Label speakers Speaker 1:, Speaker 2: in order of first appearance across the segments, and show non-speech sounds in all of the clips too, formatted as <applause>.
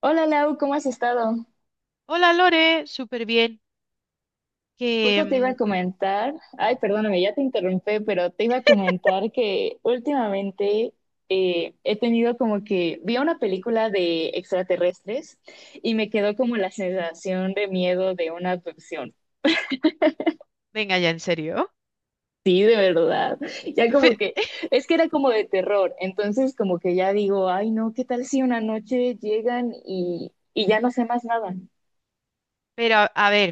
Speaker 1: Hola Lau, ¿cómo has estado?
Speaker 2: Hola Lore, súper bien. Que
Speaker 1: Justo te iba a comentar, ay, perdóname, ya te interrumpí, pero te iba a comentar que últimamente he tenido como que vi una película de extraterrestres y me quedó como la sensación de miedo de una abducción.
Speaker 2: venga ya, en serio.
Speaker 1: Sí, de verdad. Ya como
Speaker 2: Fe-
Speaker 1: que, es que era como de terror, entonces como que ya digo, ay no, ¿qué tal si una noche llegan y ya no sé más nada?
Speaker 2: Pero a ver,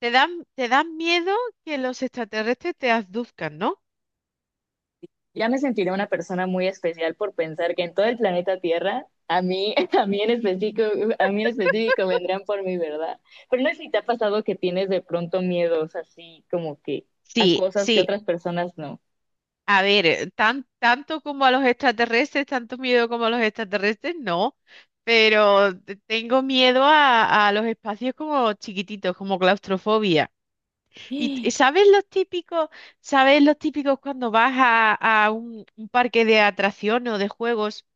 Speaker 2: te dan miedo que los extraterrestres te abduzcan, ¿no?
Speaker 1: Ya me sentiré una persona muy especial por pensar que en todo el planeta Tierra, a mí, <laughs> a mí en específico, a mí en específico vendrán por mi, ¿verdad? Pero no sé si te ha pasado que tienes de pronto miedos así como que a
Speaker 2: Sí,
Speaker 1: cosas que
Speaker 2: sí.
Speaker 1: otras personas no.
Speaker 2: A ver, tanto como a los extraterrestres, tanto miedo como a los extraterrestres, no. Pero tengo miedo a los espacios como chiquititos, como claustrofobia. Y
Speaker 1: <gasps>
Speaker 2: sabes los típicos cuando vas a un parque de atracciones o de juegos?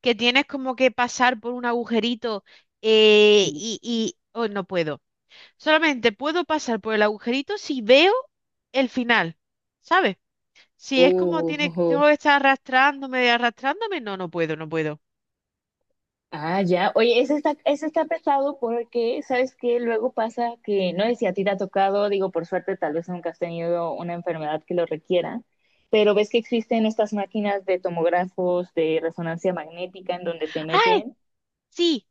Speaker 2: Que tienes como que pasar por un agujerito,
Speaker 1: Sí.
Speaker 2: y oh, no puedo. Solamente puedo pasar por el agujerito si veo el final, ¿sabes? Si es como tiene,
Speaker 1: Uh,
Speaker 2: tengo que estar arrastrándome, arrastrándome, no, no puedo, no puedo.
Speaker 1: ah, ya. Oye, ese está pesado porque, ¿sabes qué? Luego pasa que, no sé si a ti te ha tocado, digo, por suerte, tal vez nunca has tenido una enfermedad que lo requiera, pero ves que existen estas máquinas de tomógrafos de resonancia magnética en donde te
Speaker 2: ¡Ay!
Speaker 1: meten
Speaker 2: Sí,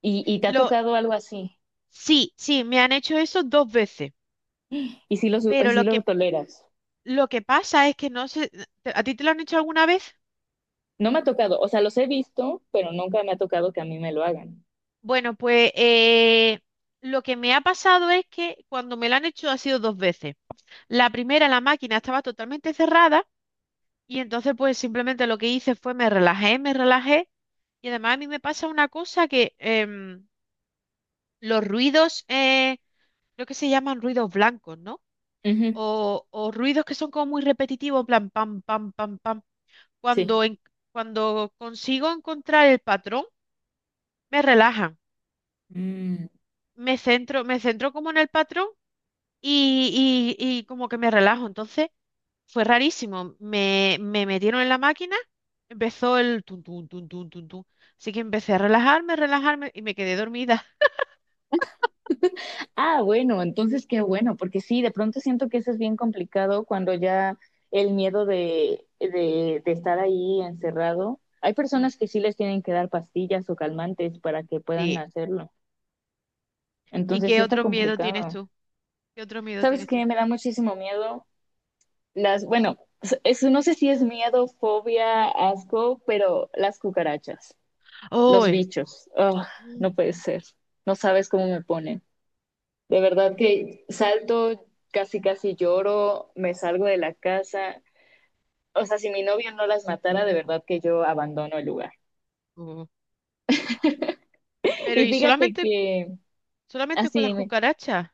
Speaker 1: y te ha
Speaker 2: lo,
Speaker 1: tocado algo así
Speaker 2: sí, sí, me han hecho eso dos veces,
Speaker 1: y si lo, y
Speaker 2: pero
Speaker 1: sí lo toleras.
Speaker 2: lo que pasa es que no sé, ¿a ti te lo han hecho alguna vez?
Speaker 1: No me ha tocado, o sea, los he visto, pero nunca me ha tocado que a mí me lo hagan.
Speaker 2: Bueno, pues lo que me ha pasado es que cuando me lo han hecho ha sido dos veces. La primera, la máquina estaba totalmente cerrada y entonces pues simplemente lo que hice fue me relajé, me relajé. Y además a mí me pasa una cosa que los ruidos, creo que se llaman ruidos blancos, ¿no?
Speaker 1: Ujú,
Speaker 2: O ruidos que son como muy repetitivos, en plan pam, pam, pam, pam.
Speaker 1: sí.
Speaker 2: Cuando, en- cuando consigo encontrar el patrón, me relajan, me centro como en el patrón y, y como que me relajo. Entonces... fue rarísimo. Me metieron en la máquina, empezó el tun, tun, tun, tun, tun, tun. Así que empecé a relajarme, relajarme y me quedé dormida.
Speaker 1: Ah, bueno, entonces qué bueno, porque sí, de pronto siento que eso es bien complicado cuando ya el miedo de estar ahí encerrado. Hay
Speaker 2: Mm,
Speaker 1: personas que sí les tienen que dar pastillas o calmantes para que puedan
Speaker 2: sí.
Speaker 1: hacerlo.
Speaker 2: ¿Y
Speaker 1: Entonces sí
Speaker 2: qué
Speaker 1: está
Speaker 2: otro miedo tienes
Speaker 1: complicado.
Speaker 2: tú? ¿Qué otro miedo
Speaker 1: ¿Sabes
Speaker 2: tienes
Speaker 1: qué?
Speaker 2: tú?
Speaker 1: Me da muchísimo miedo las, bueno, eso no sé si es miedo, fobia, asco, pero las cucarachas, los
Speaker 2: ¡Uy!
Speaker 1: bichos. Ugh, no
Speaker 2: Mm,
Speaker 1: puede ser. No sabes cómo me ponen. De verdad que salto, casi casi lloro, me salgo de la casa. O sea, si mi novio no las matara, de verdad que yo abandono el lugar.
Speaker 2: oh. Pero
Speaker 1: Y
Speaker 2: ¿y
Speaker 1: fíjate
Speaker 2: solamente,
Speaker 1: que
Speaker 2: solamente con las
Speaker 1: así,
Speaker 2: cucarachas?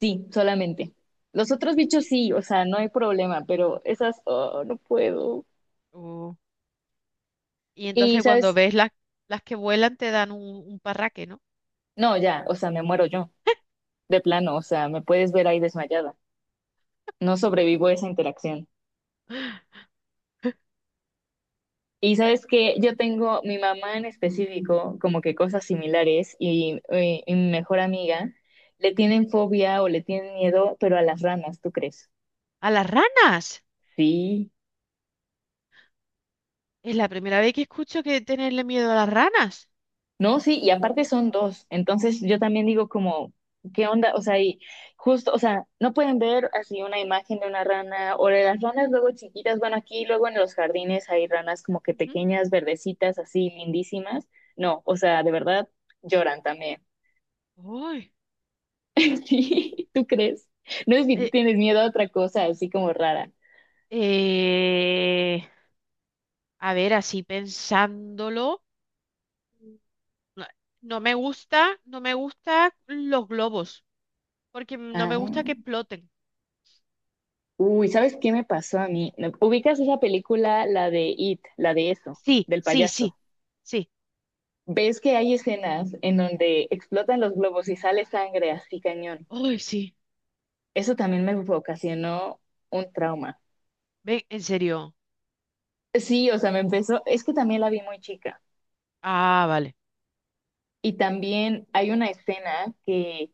Speaker 1: sí, solamente. Los otros bichos
Speaker 2: Mm,
Speaker 1: sí, o sea, no hay problema, pero esas, oh, no puedo.
Speaker 2: oh. Y
Speaker 1: Y
Speaker 2: entonces cuando
Speaker 1: sabes,
Speaker 2: ves las que vuelan te dan un parraque, ¿no?
Speaker 1: no, ya, o sea, me muero yo, de plano, o sea, me puedes ver ahí desmayada. No sobrevivo a esa interacción. Y sabes que yo tengo mi mamá en específico, como que cosas similares, y mi mejor amiga le tienen fobia o le tienen miedo, pero a las ranas, ¿tú crees?
Speaker 2: ¡A las ranas!
Speaker 1: Sí,
Speaker 2: Es la primera vez que escucho que tenerle miedo a las ranas.
Speaker 1: no, sí, y aparte son dos. Entonces yo también digo como, ¿qué onda? O sea, y justo, o sea, no pueden ver así una imagen de una rana o de las ranas luego chiquitas. Bueno, aquí luego en los jardines hay ranas como que
Speaker 2: Ujú.
Speaker 1: pequeñas, verdecitas, así lindísimas. No, o sea, de verdad lloran también.
Speaker 2: ¡Uy!
Speaker 1: <laughs> Sí, ¿tú crees? No sé si tú
Speaker 2: Eh,
Speaker 1: tienes miedo a otra cosa así como rara.
Speaker 2: Eh, a ver, así pensándolo, no, no me gusta, no me gusta los globos, porque no me
Speaker 1: Ah.
Speaker 2: gusta que exploten.
Speaker 1: Uy, ¿sabes qué me pasó a mí? No, ¿ubicas esa película, la de It, la de eso,
Speaker 2: Sí,
Speaker 1: del
Speaker 2: sí,
Speaker 1: payaso?
Speaker 2: sí, sí.
Speaker 1: ¿Ves que hay escenas en donde explotan los globos y sale sangre así cañón?
Speaker 2: Ay, sí.
Speaker 1: Eso también me ocasionó un trauma.
Speaker 2: Ven, en serio.
Speaker 1: Sí, o sea, me empezó, es que también la vi muy chica.
Speaker 2: Ah, vale.
Speaker 1: Y también hay una escena que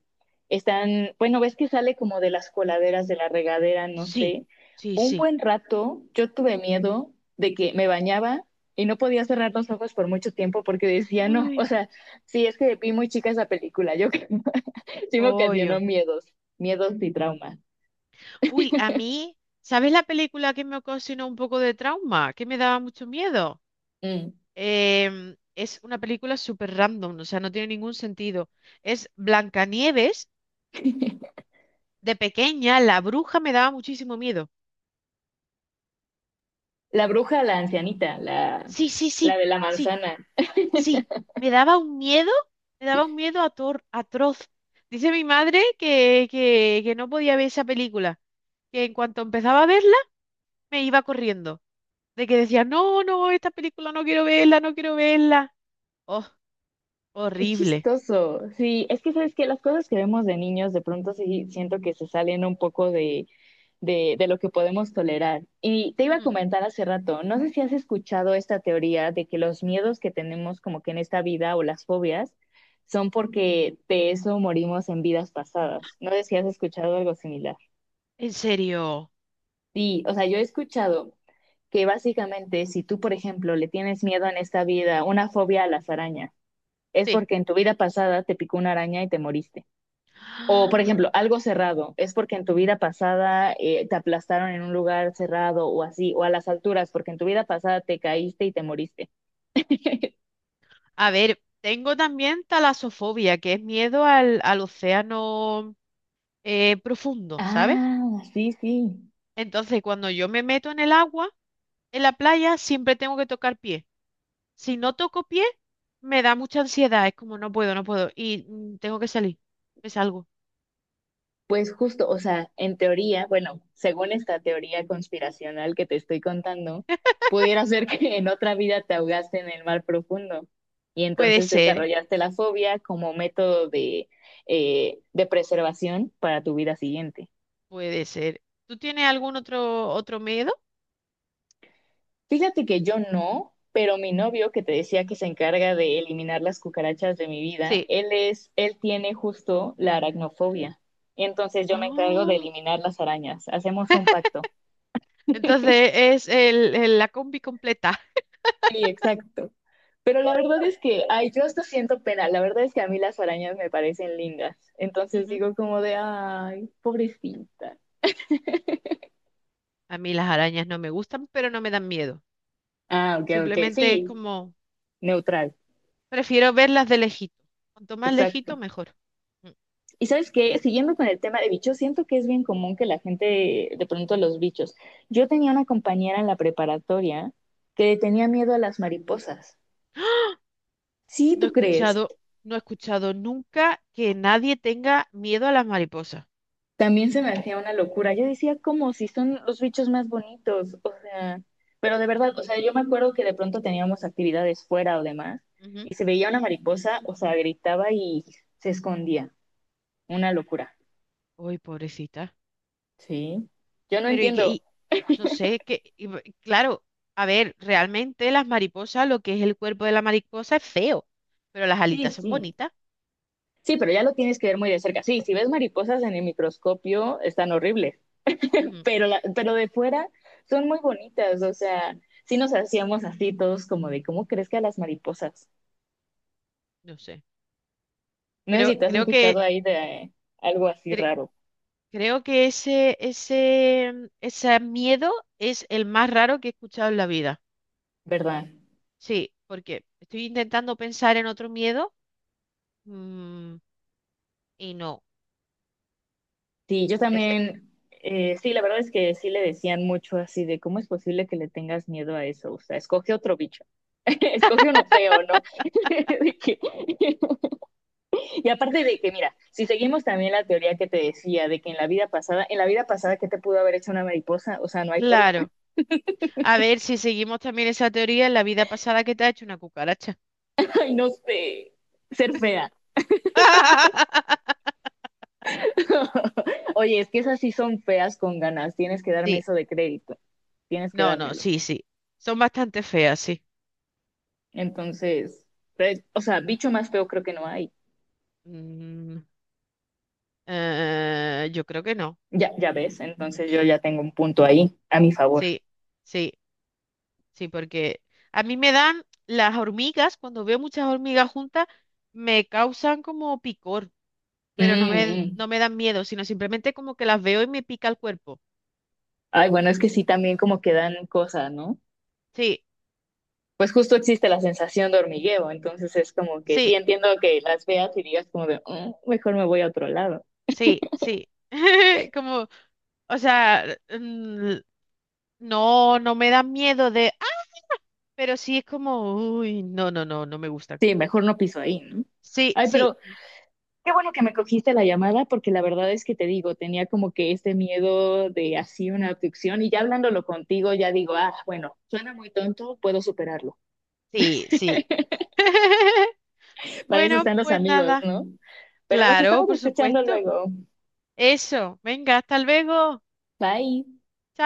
Speaker 1: están, bueno, ves que sale como de las coladeras de la regadera, no
Speaker 2: Sí,
Speaker 1: sé.
Speaker 2: sí,
Speaker 1: Un
Speaker 2: sí.
Speaker 1: buen rato yo tuve miedo de que me bañaba y no podía cerrar los ojos por mucho tiempo porque decía, no, o
Speaker 2: Ay,
Speaker 1: sea, sí, es que vi muy chica esa película, <laughs> sí me ocasionó
Speaker 2: pollo.
Speaker 1: miedos, miedos y traumas.
Speaker 2: Uy, a mí, ¿sabes la película que me ocasionó un poco de trauma? Que me daba mucho miedo.
Speaker 1: Mm.
Speaker 2: Es una película súper random, o sea, no tiene ningún sentido. Es Blancanieves. De pequeña, la bruja me daba muchísimo miedo.
Speaker 1: La bruja, la ancianita, la,
Speaker 2: Sí, sí,
Speaker 1: la
Speaker 2: sí,
Speaker 1: de la
Speaker 2: sí,
Speaker 1: manzana.
Speaker 2: sí. Me daba un miedo, me daba un miedo atroz. Dice mi madre que no podía ver esa película, que en cuanto empezaba a verla, me iba corriendo. De que decía, no, no, esta película no quiero verla, no quiero verla. Oh,
Speaker 1: Qué
Speaker 2: horrible.
Speaker 1: chistoso. Sí, es que sabes que las cosas que vemos de niños de pronto sí siento que se salen un poco de, de lo que podemos tolerar. Y te iba a
Speaker 2: Mm,
Speaker 1: comentar hace rato, no sé si has escuchado esta teoría de que los miedos que tenemos como que en esta vida o las fobias son porque de eso morimos en vidas pasadas. No sé si has escuchado algo similar.
Speaker 2: en serio,
Speaker 1: Sí, o sea, yo he escuchado que básicamente si tú, por ejemplo, le tienes miedo en esta vida, una fobia a las arañas, es
Speaker 2: sí.
Speaker 1: porque en tu vida pasada te picó una araña y te moriste. O, por
Speaker 2: <gasps>
Speaker 1: ejemplo, algo cerrado, es porque en tu vida pasada te aplastaron en un lugar cerrado o así, o a las alturas, porque en tu vida pasada te caíste y te moriste. <laughs>
Speaker 2: A ver, tengo también talasofobia, que es miedo al, al océano profundo, ¿sabes?
Speaker 1: Ah, sí, sí.
Speaker 2: Entonces, cuando yo me meto en el agua, en la playa, siempre tengo que tocar pie. Si no toco pie, me da mucha ansiedad. Es como no puedo, no puedo. Y tengo que salir. Me salgo.
Speaker 1: Pues justo, o sea, en teoría, bueno, según esta teoría conspiracional que te estoy contando, pudiera ser <laughs> que en otra vida te ahogaste en el mar profundo y
Speaker 2: Puede
Speaker 1: entonces
Speaker 2: ser,
Speaker 1: desarrollaste la fobia como método de preservación para tu vida siguiente.
Speaker 2: puede ser. ¿Tú tienes algún otro, otro miedo?
Speaker 1: Fíjate que yo no, pero mi novio que te decía que se encarga de eliminar las cucarachas de mi vida,
Speaker 2: Sí.
Speaker 1: él es, él tiene justo la aracnofobia. Entonces yo me encargo de
Speaker 2: Oh,
Speaker 1: eliminar las arañas. Hacemos un pacto.
Speaker 2: entonces es el, la combi completa.
Speaker 1: Sí, exacto. Pero la verdad es que, ay, yo hasta siento pena. La verdad es que a mí las arañas me parecen lindas.
Speaker 2: <laughs>
Speaker 1: Entonces
Speaker 2: Ujú.
Speaker 1: digo como de, ay, pobrecita.
Speaker 2: A mí las arañas no me gustan, pero no me dan miedo.
Speaker 1: Ah, ok, ok.
Speaker 2: Simplemente es
Speaker 1: Sí,
Speaker 2: como,
Speaker 1: neutral.
Speaker 2: prefiero verlas de lejito. Cuanto más lejito,
Speaker 1: Exacto.
Speaker 2: mejor. Mm.
Speaker 1: Y sabes que, siguiendo con el tema de bichos, siento que es bien común que la gente de pronto los bichos. Yo tenía una compañera en la preparatoria que le tenía miedo a las mariposas. Sí,
Speaker 2: No he
Speaker 1: tú crees.
Speaker 2: escuchado, no he escuchado nunca que nadie tenga miedo a las mariposas.
Speaker 1: También se me hacía una locura. Yo decía, como si son los bichos más bonitos, o sea, pero de verdad, o sea, yo me acuerdo que de pronto teníamos actividades fuera o demás,
Speaker 2: Ujú.
Speaker 1: y se veía una mariposa, o sea, gritaba y se escondía. Una locura.
Speaker 2: Uy, pobrecita.
Speaker 1: Sí. Yo no
Speaker 2: Pero y que,
Speaker 1: entiendo.
Speaker 2: y, no sé, que, y claro, a ver, realmente las mariposas, lo que es el cuerpo de la mariposa es feo, pero las
Speaker 1: Sí,
Speaker 2: alitas son
Speaker 1: sí.
Speaker 2: bonitas.
Speaker 1: Sí, pero ya lo tienes que ver muy de cerca. Sí, si ves mariposas en el microscopio, están horribles,
Speaker 2: Ujú.
Speaker 1: pero, la, pero de fuera son muy bonitas, o sea, sí nos hacíamos así todos como de cómo crees que a las mariposas.
Speaker 2: No sé.
Speaker 1: No sé si te has
Speaker 2: Creo
Speaker 1: escuchado
Speaker 2: que,
Speaker 1: ahí de eh, algo así
Speaker 2: cre-
Speaker 1: raro,
Speaker 2: creo que ese, ese miedo es el más raro que he escuchado en la vida.
Speaker 1: ¿verdad?
Speaker 2: Sí, porque estoy intentando pensar en otro miedo, mm, y no.
Speaker 1: Sí, yo también, sí, la verdad es que sí le decían mucho así de cómo es posible que le tengas miedo a eso, o sea, escoge otro bicho, <laughs> escoge uno feo, ¿no? <laughs> De que- <laughs> Y aparte de que, mira, si seguimos también la teoría que te decía de que en la vida pasada, en la vida pasada, ¿qué te pudo haber hecho una mariposa? O sea, no hay forma.
Speaker 2: Claro. A ver, si seguimos también esa teoría, en la vida pasada que te ha hecho una cucaracha?
Speaker 1: <laughs> Ay, no sé. Ser fea.
Speaker 2: <laughs>
Speaker 1: <laughs> Oye, es que esas sí son feas con ganas. Tienes que darme
Speaker 2: Sí,
Speaker 1: eso de crédito. Tienes que
Speaker 2: no, no,
Speaker 1: dármelo.
Speaker 2: sí, sí. Son bastante feas, sí.
Speaker 1: Entonces, pues, o sea, bicho más feo creo que no hay.
Speaker 2: Mm, yo creo que no.
Speaker 1: Ya, ya ves. Entonces yo ya tengo un punto ahí a mi favor.
Speaker 2: Sí, sí, sí, porque a mí me dan las hormigas, cuando veo muchas hormigas juntas, me causan como picor,
Speaker 1: Mm,
Speaker 2: pero no me,
Speaker 1: mm.
Speaker 2: no me dan miedo, sino simplemente como que las veo y me pica el cuerpo.
Speaker 1: Ay, bueno, es que sí también como que dan cosas, ¿no?
Speaker 2: Sí,
Speaker 1: Pues justo existe la sensación de hormigueo, entonces es como que sí
Speaker 2: sí,
Speaker 1: entiendo que las veas y digas como de, "Mm, mejor me voy a otro lado".
Speaker 2: sí, sí. <laughs> Como, o sea, no, no me da miedo de, ah, pero sí es como, uy, no, no, no, no me gusta.
Speaker 1: Sí, mejor no piso ahí, ¿no?
Speaker 2: Sí,
Speaker 1: Ay,
Speaker 2: sí,
Speaker 1: pero qué bueno que me cogiste la llamada porque la verdad es que te digo, tenía como que este miedo de así una abducción y ya hablándolo contigo ya digo, ah, bueno, suena muy tonto, puedo superarlo.
Speaker 2: sí, sí. <laughs>
Speaker 1: Para eso
Speaker 2: Bueno,
Speaker 1: están los
Speaker 2: pues
Speaker 1: amigos,
Speaker 2: nada.
Speaker 1: ¿no? Pero nos
Speaker 2: Claro,
Speaker 1: estamos
Speaker 2: por
Speaker 1: escuchando
Speaker 2: supuesto.
Speaker 1: luego.
Speaker 2: Eso. Venga, hasta luego.
Speaker 1: Bye.
Speaker 2: Chao.